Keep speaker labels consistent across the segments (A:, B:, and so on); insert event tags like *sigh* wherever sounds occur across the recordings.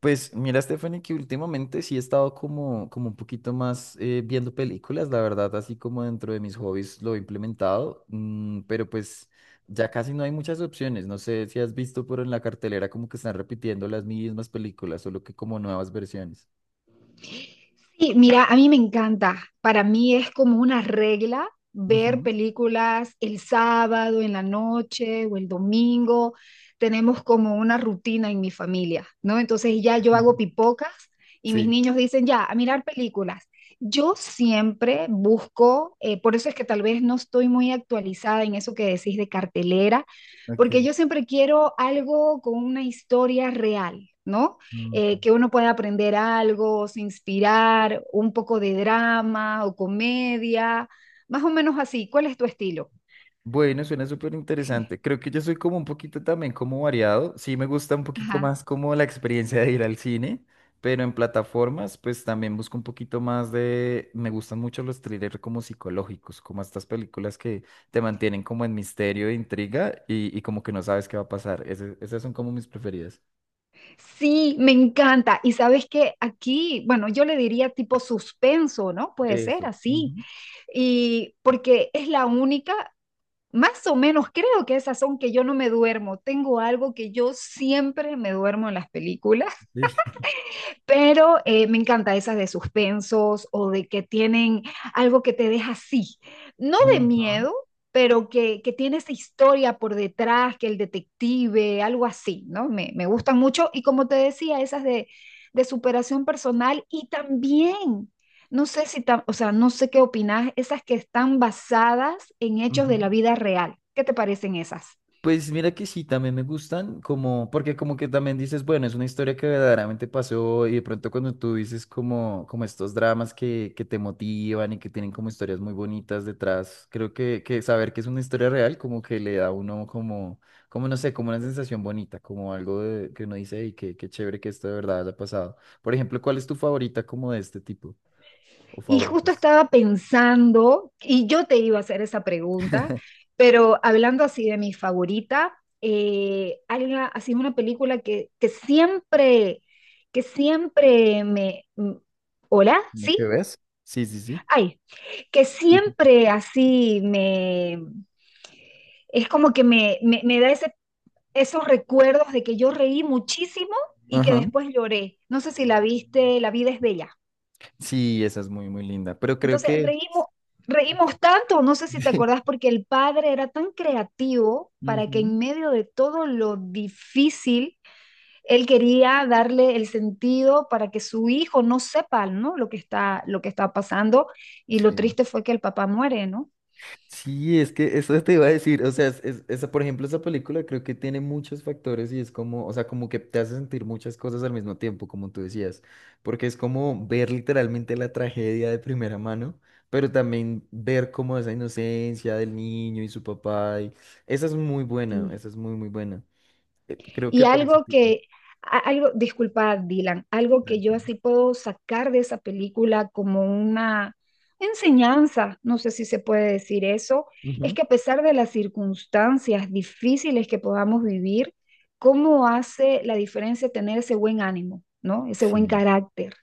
A: Pues mira, Stephanie, que últimamente sí he estado como, como un poquito más viendo películas, la verdad, así como dentro de mis hobbies lo he implementado, pero pues ya casi no hay muchas opciones. No sé si has visto, pero en la cartelera como que están repitiendo las mismas películas, solo que como nuevas versiones.
B: Sí, mira, a mí me encanta. Para mí es como una regla ver
A: Ujú.
B: películas el sábado en la noche o el domingo. Tenemos como una rutina en mi familia, ¿no? Entonces ya yo hago pipocas y mis
A: Sí,
B: niños dicen, ya, a mirar películas. Yo siempre busco, por eso es que tal vez no estoy muy actualizada en eso que decís de cartelera,
A: ok.
B: porque yo siempre quiero algo con una historia real, ¿no?
A: Ok.
B: Eh, que uno pueda aprender algo, se inspirar, un poco de drama o comedia, más o menos así. ¿Cuál es tu estilo?
A: Bueno, suena súper interesante. Creo que yo soy como un poquito también como variado. Sí me gusta un poquito
B: Ajá.
A: más como la experiencia de ir al cine, pero en plataformas pues también busco un poquito más de... Me gustan mucho los thrillers como psicológicos, como estas películas que te mantienen como en misterio e intriga y como que no sabes qué va a pasar. Esas son como mis preferidas.
B: Sí, me encanta. Y sabes que aquí, bueno, yo le diría tipo suspenso, ¿no? Puede ser
A: Eso.
B: así.
A: Ujú.
B: Y porque es la única, más o menos creo que esas son que yo no me duermo. Tengo algo que yo siempre me duermo en las películas
A: Sí.
B: pero me encanta esas de suspensos o de que tienen algo que te deja así, no
A: *laughs*
B: de
A: Ujú,
B: miedo, pero que tiene esa historia por detrás, que el detective, algo así, ¿no? Me gustan mucho y como te decía, esas de superación personal y también... No sé si, o sea, no sé qué opinas, esas que están basadas en hechos
A: ujú.
B: de la vida real. ¿Qué te parecen esas?
A: Pues mira que sí, también me gustan, como, porque como que también dices, bueno, es una historia que verdaderamente pasó y de pronto cuando tú dices como, como estos dramas que te motivan y que tienen como historias muy bonitas detrás, creo que saber que es una historia real como que le da a uno como, como no sé, como una sensación bonita, como algo que uno dice, qué chévere que esto de verdad haya pasado. Por ejemplo, ¿cuál es tu favorita como de este tipo? ¿O
B: Y justo
A: favoritas?
B: estaba pensando, y yo te iba a hacer esa pregunta, pero hablando así de mi favorita, hay una, así una película que siempre me... ¿Hola?
A: ¿Cómo que
B: ¿Sí?
A: ves? Sí, sí, sí.
B: Ay, que siempre así me... Es como que me da ese, esos recuerdos de que yo reí muchísimo y que
A: Ajá.
B: después lloré. No sé si la viste, La vida es bella.
A: Sí, esa es muy, muy linda, pero creo
B: Entonces
A: que...
B: reímos, reímos tanto, no sé si te acuerdas,
A: *laughs*
B: porque el padre era tan creativo para que
A: Ujú.
B: en medio de todo lo difícil, él quería darle el sentido para que su hijo no sepa, ¿no? Lo que está pasando. Y lo
A: Sí.
B: triste fue que el papá muere, ¿no?
A: Sí, es que eso te iba a decir, o sea, esa, por ejemplo, esa película creo que tiene muchos factores y es como, o sea, como que te hace sentir muchas cosas al mismo tiempo, como tú decías, porque es como ver literalmente la tragedia de primera mano, pero también ver como esa inocencia del niño y su papá, y esa es muy buena, esa es muy, muy buena. Creo
B: Y
A: que por ese
B: algo
A: tipo.
B: que, algo, disculpa, Dylan, algo que yo
A: Tranquila.
B: así puedo sacar de esa película como una enseñanza, no sé si se puede decir eso, es
A: Ujú.
B: que a pesar de las circunstancias difíciles que podamos vivir, ¿cómo hace la diferencia tener ese buen ánimo, ¿no? Ese buen
A: Sí.
B: carácter.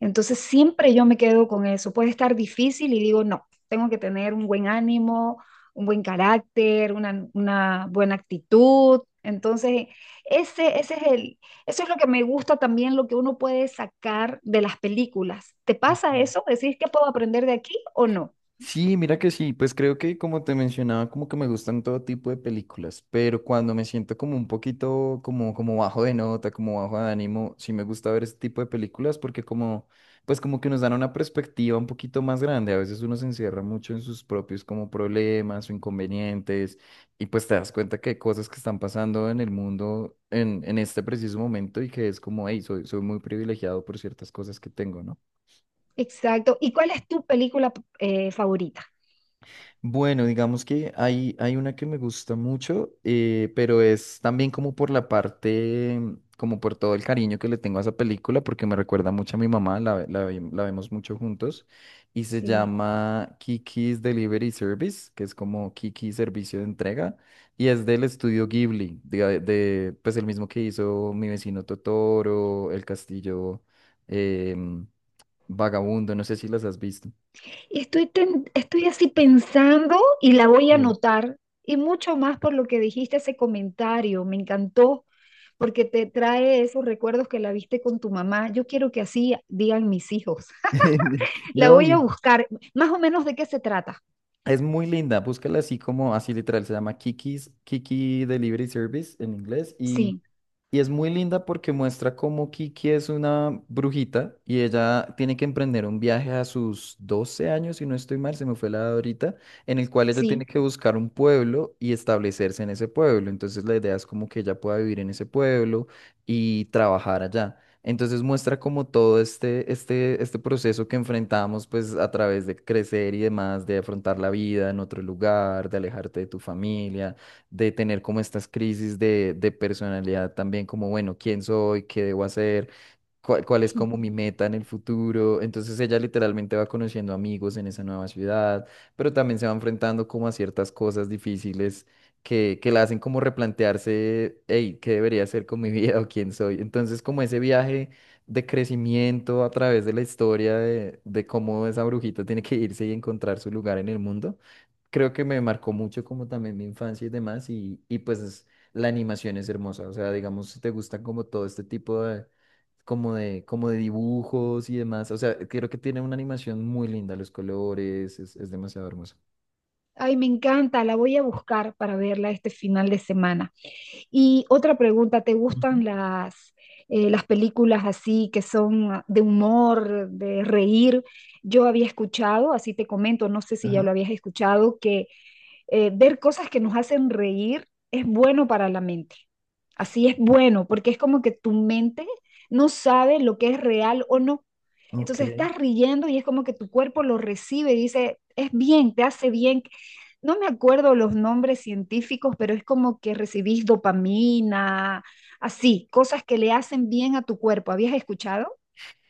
B: Entonces siempre yo me quedo con eso. Puede estar difícil y digo, no, tengo que tener un buen ánimo, un buen carácter, una buena actitud. Entonces, ese es el, eso es lo que me gusta también, lo que uno puede sacar de las películas. ¿Te pasa eso? ¿Decís que puedo aprender de aquí o no?
A: Sí, mira que sí, pues creo que como te mencionaba, como que me gustan todo tipo de películas, pero cuando me siento como un poquito como, como bajo de nota, como bajo de ánimo, sí me gusta ver ese tipo de películas porque como, pues como que nos dan una perspectiva un poquito más grande, a veces uno se encierra mucho en sus propios como problemas o inconvenientes y pues te das cuenta que hay cosas que están pasando en el mundo en este preciso momento y que es como, hey, soy muy privilegiado por ciertas cosas que tengo, ¿no?
B: Exacto. ¿Y cuál es tu película favorita?
A: Bueno, digamos que hay una que me gusta mucho, pero es también como por la parte, como por todo el cariño que le tengo a esa película, porque me recuerda mucho a mi mamá, la vemos mucho juntos, y se
B: Sí.
A: llama Kiki's Delivery Service, que es como Kiki Servicio de Entrega, y es del estudio Ghibli, pues el mismo que hizo Mi vecino Totoro, El Castillo em, Vagabundo, no sé si las has visto.
B: Y estoy, estoy así pensando y la voy a
A: Sí.
B: anotar. Y mucho más por lo que dijiste ese comentario. Me encantó porque te trae esos recuerdos que la viste con tu mamá. Yo quiero que así digan mis hijos.
A: *laughs*
B: La
A: No,
B: voy a
A: y,
B: buscar. Más o menos de qué se trata.
A: es muy linda, búscala así como, así literal, se llama Kiki's, Kiki Delivery Service en inglés
B: Sí,
A: y es muy linda porque muestra cómo Kiki es una brujita y ella tiene que emprender un viaje a sus 12 años, si no estoy mal, se me fue la edad ahorita, en el cual ella
B: sí.
A: tiene que buscar un pueblo y establecerse en ese pueblo. Entonces la idea es como que ella pueda vivir en ese pueblo y trabajar allá. Entonces muestra como todo este proceso que enfrentamos pues a través de crecer y demás, de afrontar la vida en otro lugar, de alejarte de tu familia, de tener como estas crisis de personalidad también, como, bueno, ¿quién soy? ¿Qué debo hacer? ¿Cuál es como mi meta en el futuro? Entonces ella literalmente va conociendo amigos en esa nueva ciudad, pero también se va enfrentando como a ciertas cosas difíciles que la hacen como replantearse, hey, ¿qué debería hacer con mi *laughs* vida o quién soy? Entonces como ese viaje de crecimiento a través de la historia de cómo esa brujita tiene que irse y encontrar su lugar en el mundo creo que me marcó mucho como también mi infancia y demás, y pues la animación es hermosa, o sea, digamos, si te gustan como todo este tipo de, como de dibujos y demás, o sea, creo que tiene una animación muy linda, los colores, es demasiado hermoso.
B: Ay, me encanta, la voy a buscar para verla este final de semana. Y otra pregunta, ¿te
A: Ujú.
B: gustan las películas así que son ah, de humor, de reír? Yo había escuchado, así te comento, no sé si ya
A: Ajá,
B: lo habías escuchado, que ver cosas que nos hacen reír es bueno para la mente. Así es bueno, porque es como que tu mente no sabe lo que es real o no. Entonces
A: ok.
B: estás riendo y es como que tu cuerpo lo recibe y dice, es bien, te hace bien. No me acuerdo los nombres científicos, pero es como que recibís dopamina, así, cosas que le hacen bien a tu cuerpo. ¿Habías escuchado?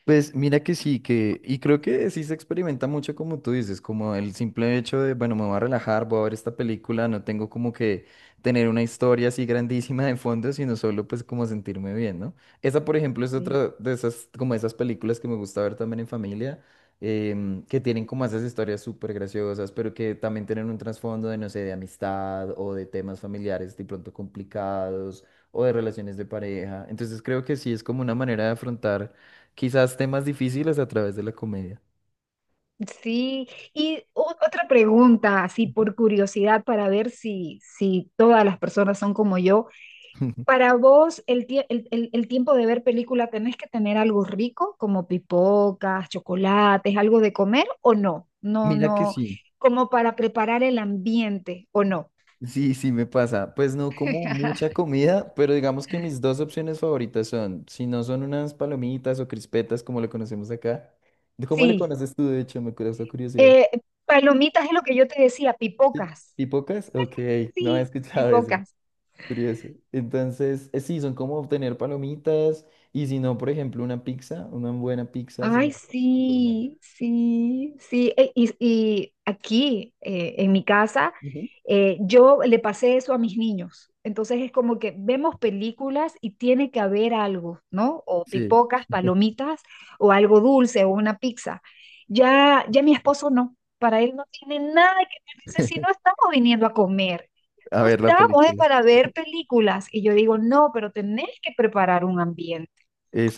A: Pues mira que sí, que, y creo que sí se experimenta mucho como tú dices, como el simple hecho de, bueno, me voy a relajar, voy a ver esta película, no tengo como que tener una historia así grandísima de fondo, sino solo pues como sentirme bien, ¿no? Esa, por ejemplo, es otra de esas, como esas películas que me gusta ver también en familia, que tienen como esas historias súper graciosas, pero que también tienen un trasfondo de, no sé, de amistad o de temas familiares de pronto complicados o de relaciones de pareja. Entonces creo que sí es como una manera de afrontar quizás temas difíciles a través de la comedia.
B: Sí, y otra pregunta, así
A: Ujú.
B: por curiosidad, para ver si, si todas las personas son como yo.
A: *laughs*
B: Para vos, el, el, el tiempo de ver película, ¿tenés que tener algo rico, como pipocas, chocolates, algo de comer o no? No,
A: Mira que
B: no,
A: sí,
B: como para preparar el ambiente o no.
A: sí, sí me pasa. Pues no como mucha
B: *laughs*
A: comida, pero digamos que mis dos opciones favoritas son, si no son unas palomitas o crispetas como lo conocemos acá. ¿Cómo le
B: Sí,
A: conoces tú, de hecho? Me causa curiosidad.
B: eh, palomitas es lo que yo te decía,
A: ¿Ti-
B: pipocas.
A: ¿Tipocas? Ok, no he
B: Sí,
A: escuchado *laughs* eso.
B: pipocas.
A: Curioso. Entonces, sí, son como obtener palomitas y si no, por ejemplo, una pizza, una buena pizza se me
B: Ay,
A: hace súper buena.
B: sí, sí, sí. Y aquí, en mi casa,
A: Ujú.
B: yo le pasé eso a mis niños. Entonces es como que vemos películas y tiene que haber algo, ¿no? O
A: Sí,
B: pipocas, palomitas, o algo dulce, o una pizza. Ya, ya mi esposo no, para él no tiene nada que ver. Dice, si no
A: *laughs*
B: estamos viniendo a comer,
A: a
B: no
A: ver la
B: estamos, es
A: película.
B: para ver películas. Y yo digo, no, pero tenés que preparar un ambiente.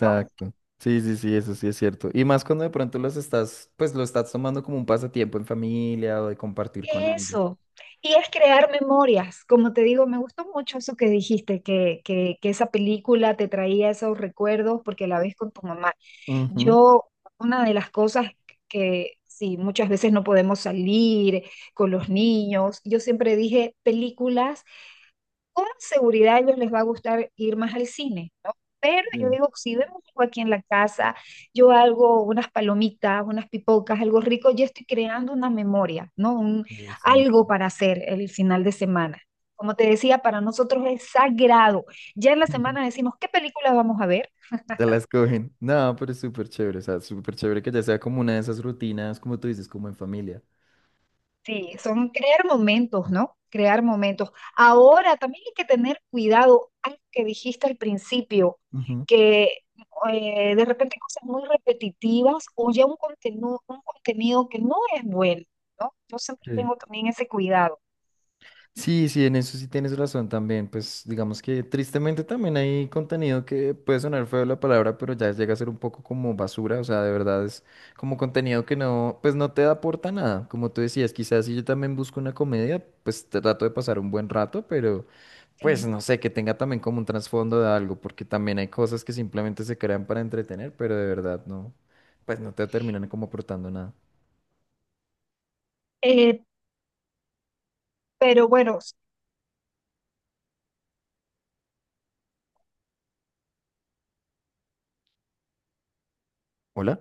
B: No.
A: Sí, sí, sí, eso sí es cierto. Y más cuando de pronto los estás, pues lo estás tomando como un pasatiempo en familia o de compartir con alguien.
B: Eso. Y es crear memorias. Como te digo, me gustó mucho eso que dijiste, que esa película te traía esos recuerdos porque la ves con tu mamá.
A: Ujú.
B: Yo, una de las cosas que sí, muchas veces no podemos salir con los niños, yo siempre dije películas con seguridad a ellos les va a gustar ir más al cine, ¿no? Pero yo
A: Sí,
B: digo, si vemos algo aquí en la casa, yo hago unas palomitas, unas pipocas, algo rico, yo estoy creando una memoria, ¿no? Un, algo
A: exacto.
B: para hacer el final de semana. Como te decía, para nosotros es sagrado. Ya en la semana
A: *laughs*
B: decimos, ¿qué película vamos a ver?
A: Te la escogen. No, pero es súper chévere, o sea, súper chévere que ya sea como una de esas rutinas, como tú dices, como en familia.
B: Sí, son crear momentos, ¿no? Crear momentos. Ahora también hay que tener cuidado, algo que dijiste al principio,
A: Ujú.
B: que de repente cosas muy repetitivas o ya un contenido que no es bueno, ¿no? Yo siempre
A: Sí.
B: tengo también ese cuidado.
A: Sí, sí, en eso sí tienes razón también. Pues digamos que tristemente también hay contenido que puede sonar feo la palabra, pero ya llega a ser un poco como basura. O sea, de verdad es como contenido que no, pues no te aporta nada. Como tú decías, quizás si yo también busco una comedia, pues trato de pasar un buen rato, pero pues
B: Sí.
A: no sé, que tenga también como un trasfondo de algo, porque también hay cosas que simplemente se crean para entretener, pero de verdad no, pues no te terminan como aportando nada.
B: Eh, pero bueno,
A: Hola.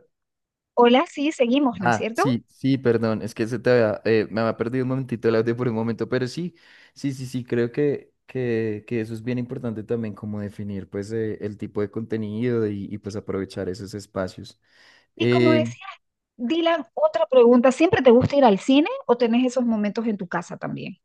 B: hola, sí, seguimos, ¿no es
A: Ah,
B: cierto?
A: sí, sí, perdón, es que se te había, me había perdido un momentito el audio por un momento, pero sí, sí, sí, sí, creo que eso es bien importante también, como definir pues el tipo de contenido pues aprovechar esos espacios.
B: Y como
A: Eh,
B: decía, Dylan, otra pregunta, ¿siempre te gusta ir al cine o tenés esos momentos en tu casa también?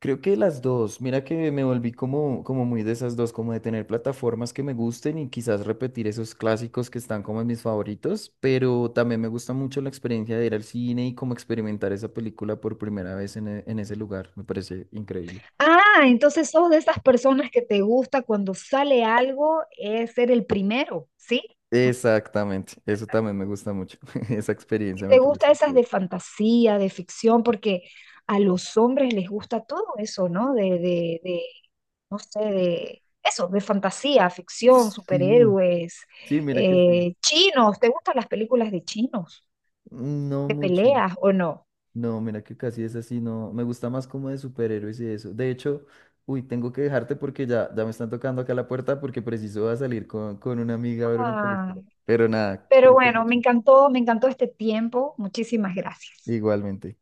A: Creo que las dos, mira que me volví como, como muy de esas dos, como de tener plataformas que me gusten y quizás repetir esos clásicos que están como en mis favoritos, pero también me gusta mucho la experiencia de ir al cine y como experimentar esa película por primera vez en, en ese lugar, me parece increíble.
B: Ah, entonces sos de esas personas que te gusta cuando sale algo es ser el primero, ¿sí?
A: Exactamente, eso también me gusta mucho. *laughs* Esa
B: Y
A: experiencia me
B: te
A: parece.
B: gusta esas
A: Que-
B: de fantasía, de ficción, porque a los hombres les gusta todo eso, ¿no? De, no sé, de eso, de fantasía, ficción,
A: Sí,
B: superhéroes,
A: sí, mira que sí.
B: chinos. ¿Te gustan las películas de chinos,
A: No
B: de
A: mucho.
B: peleas o no?
A: No, mira que casi es así, no. Me gusta más como de superhéroes y eso. De hecho, uy, tengo que dejarte porque ya, ya me están tocando acá la puerta porque preciso va a salir con una amiga a ver una
B: Ah,
A: película. Pero nada,
B: pero
A: cuídate
B: bueno,
A: mucho.
B: me encantó este tiempo. Muchísimas gracias.
A: Igualmente.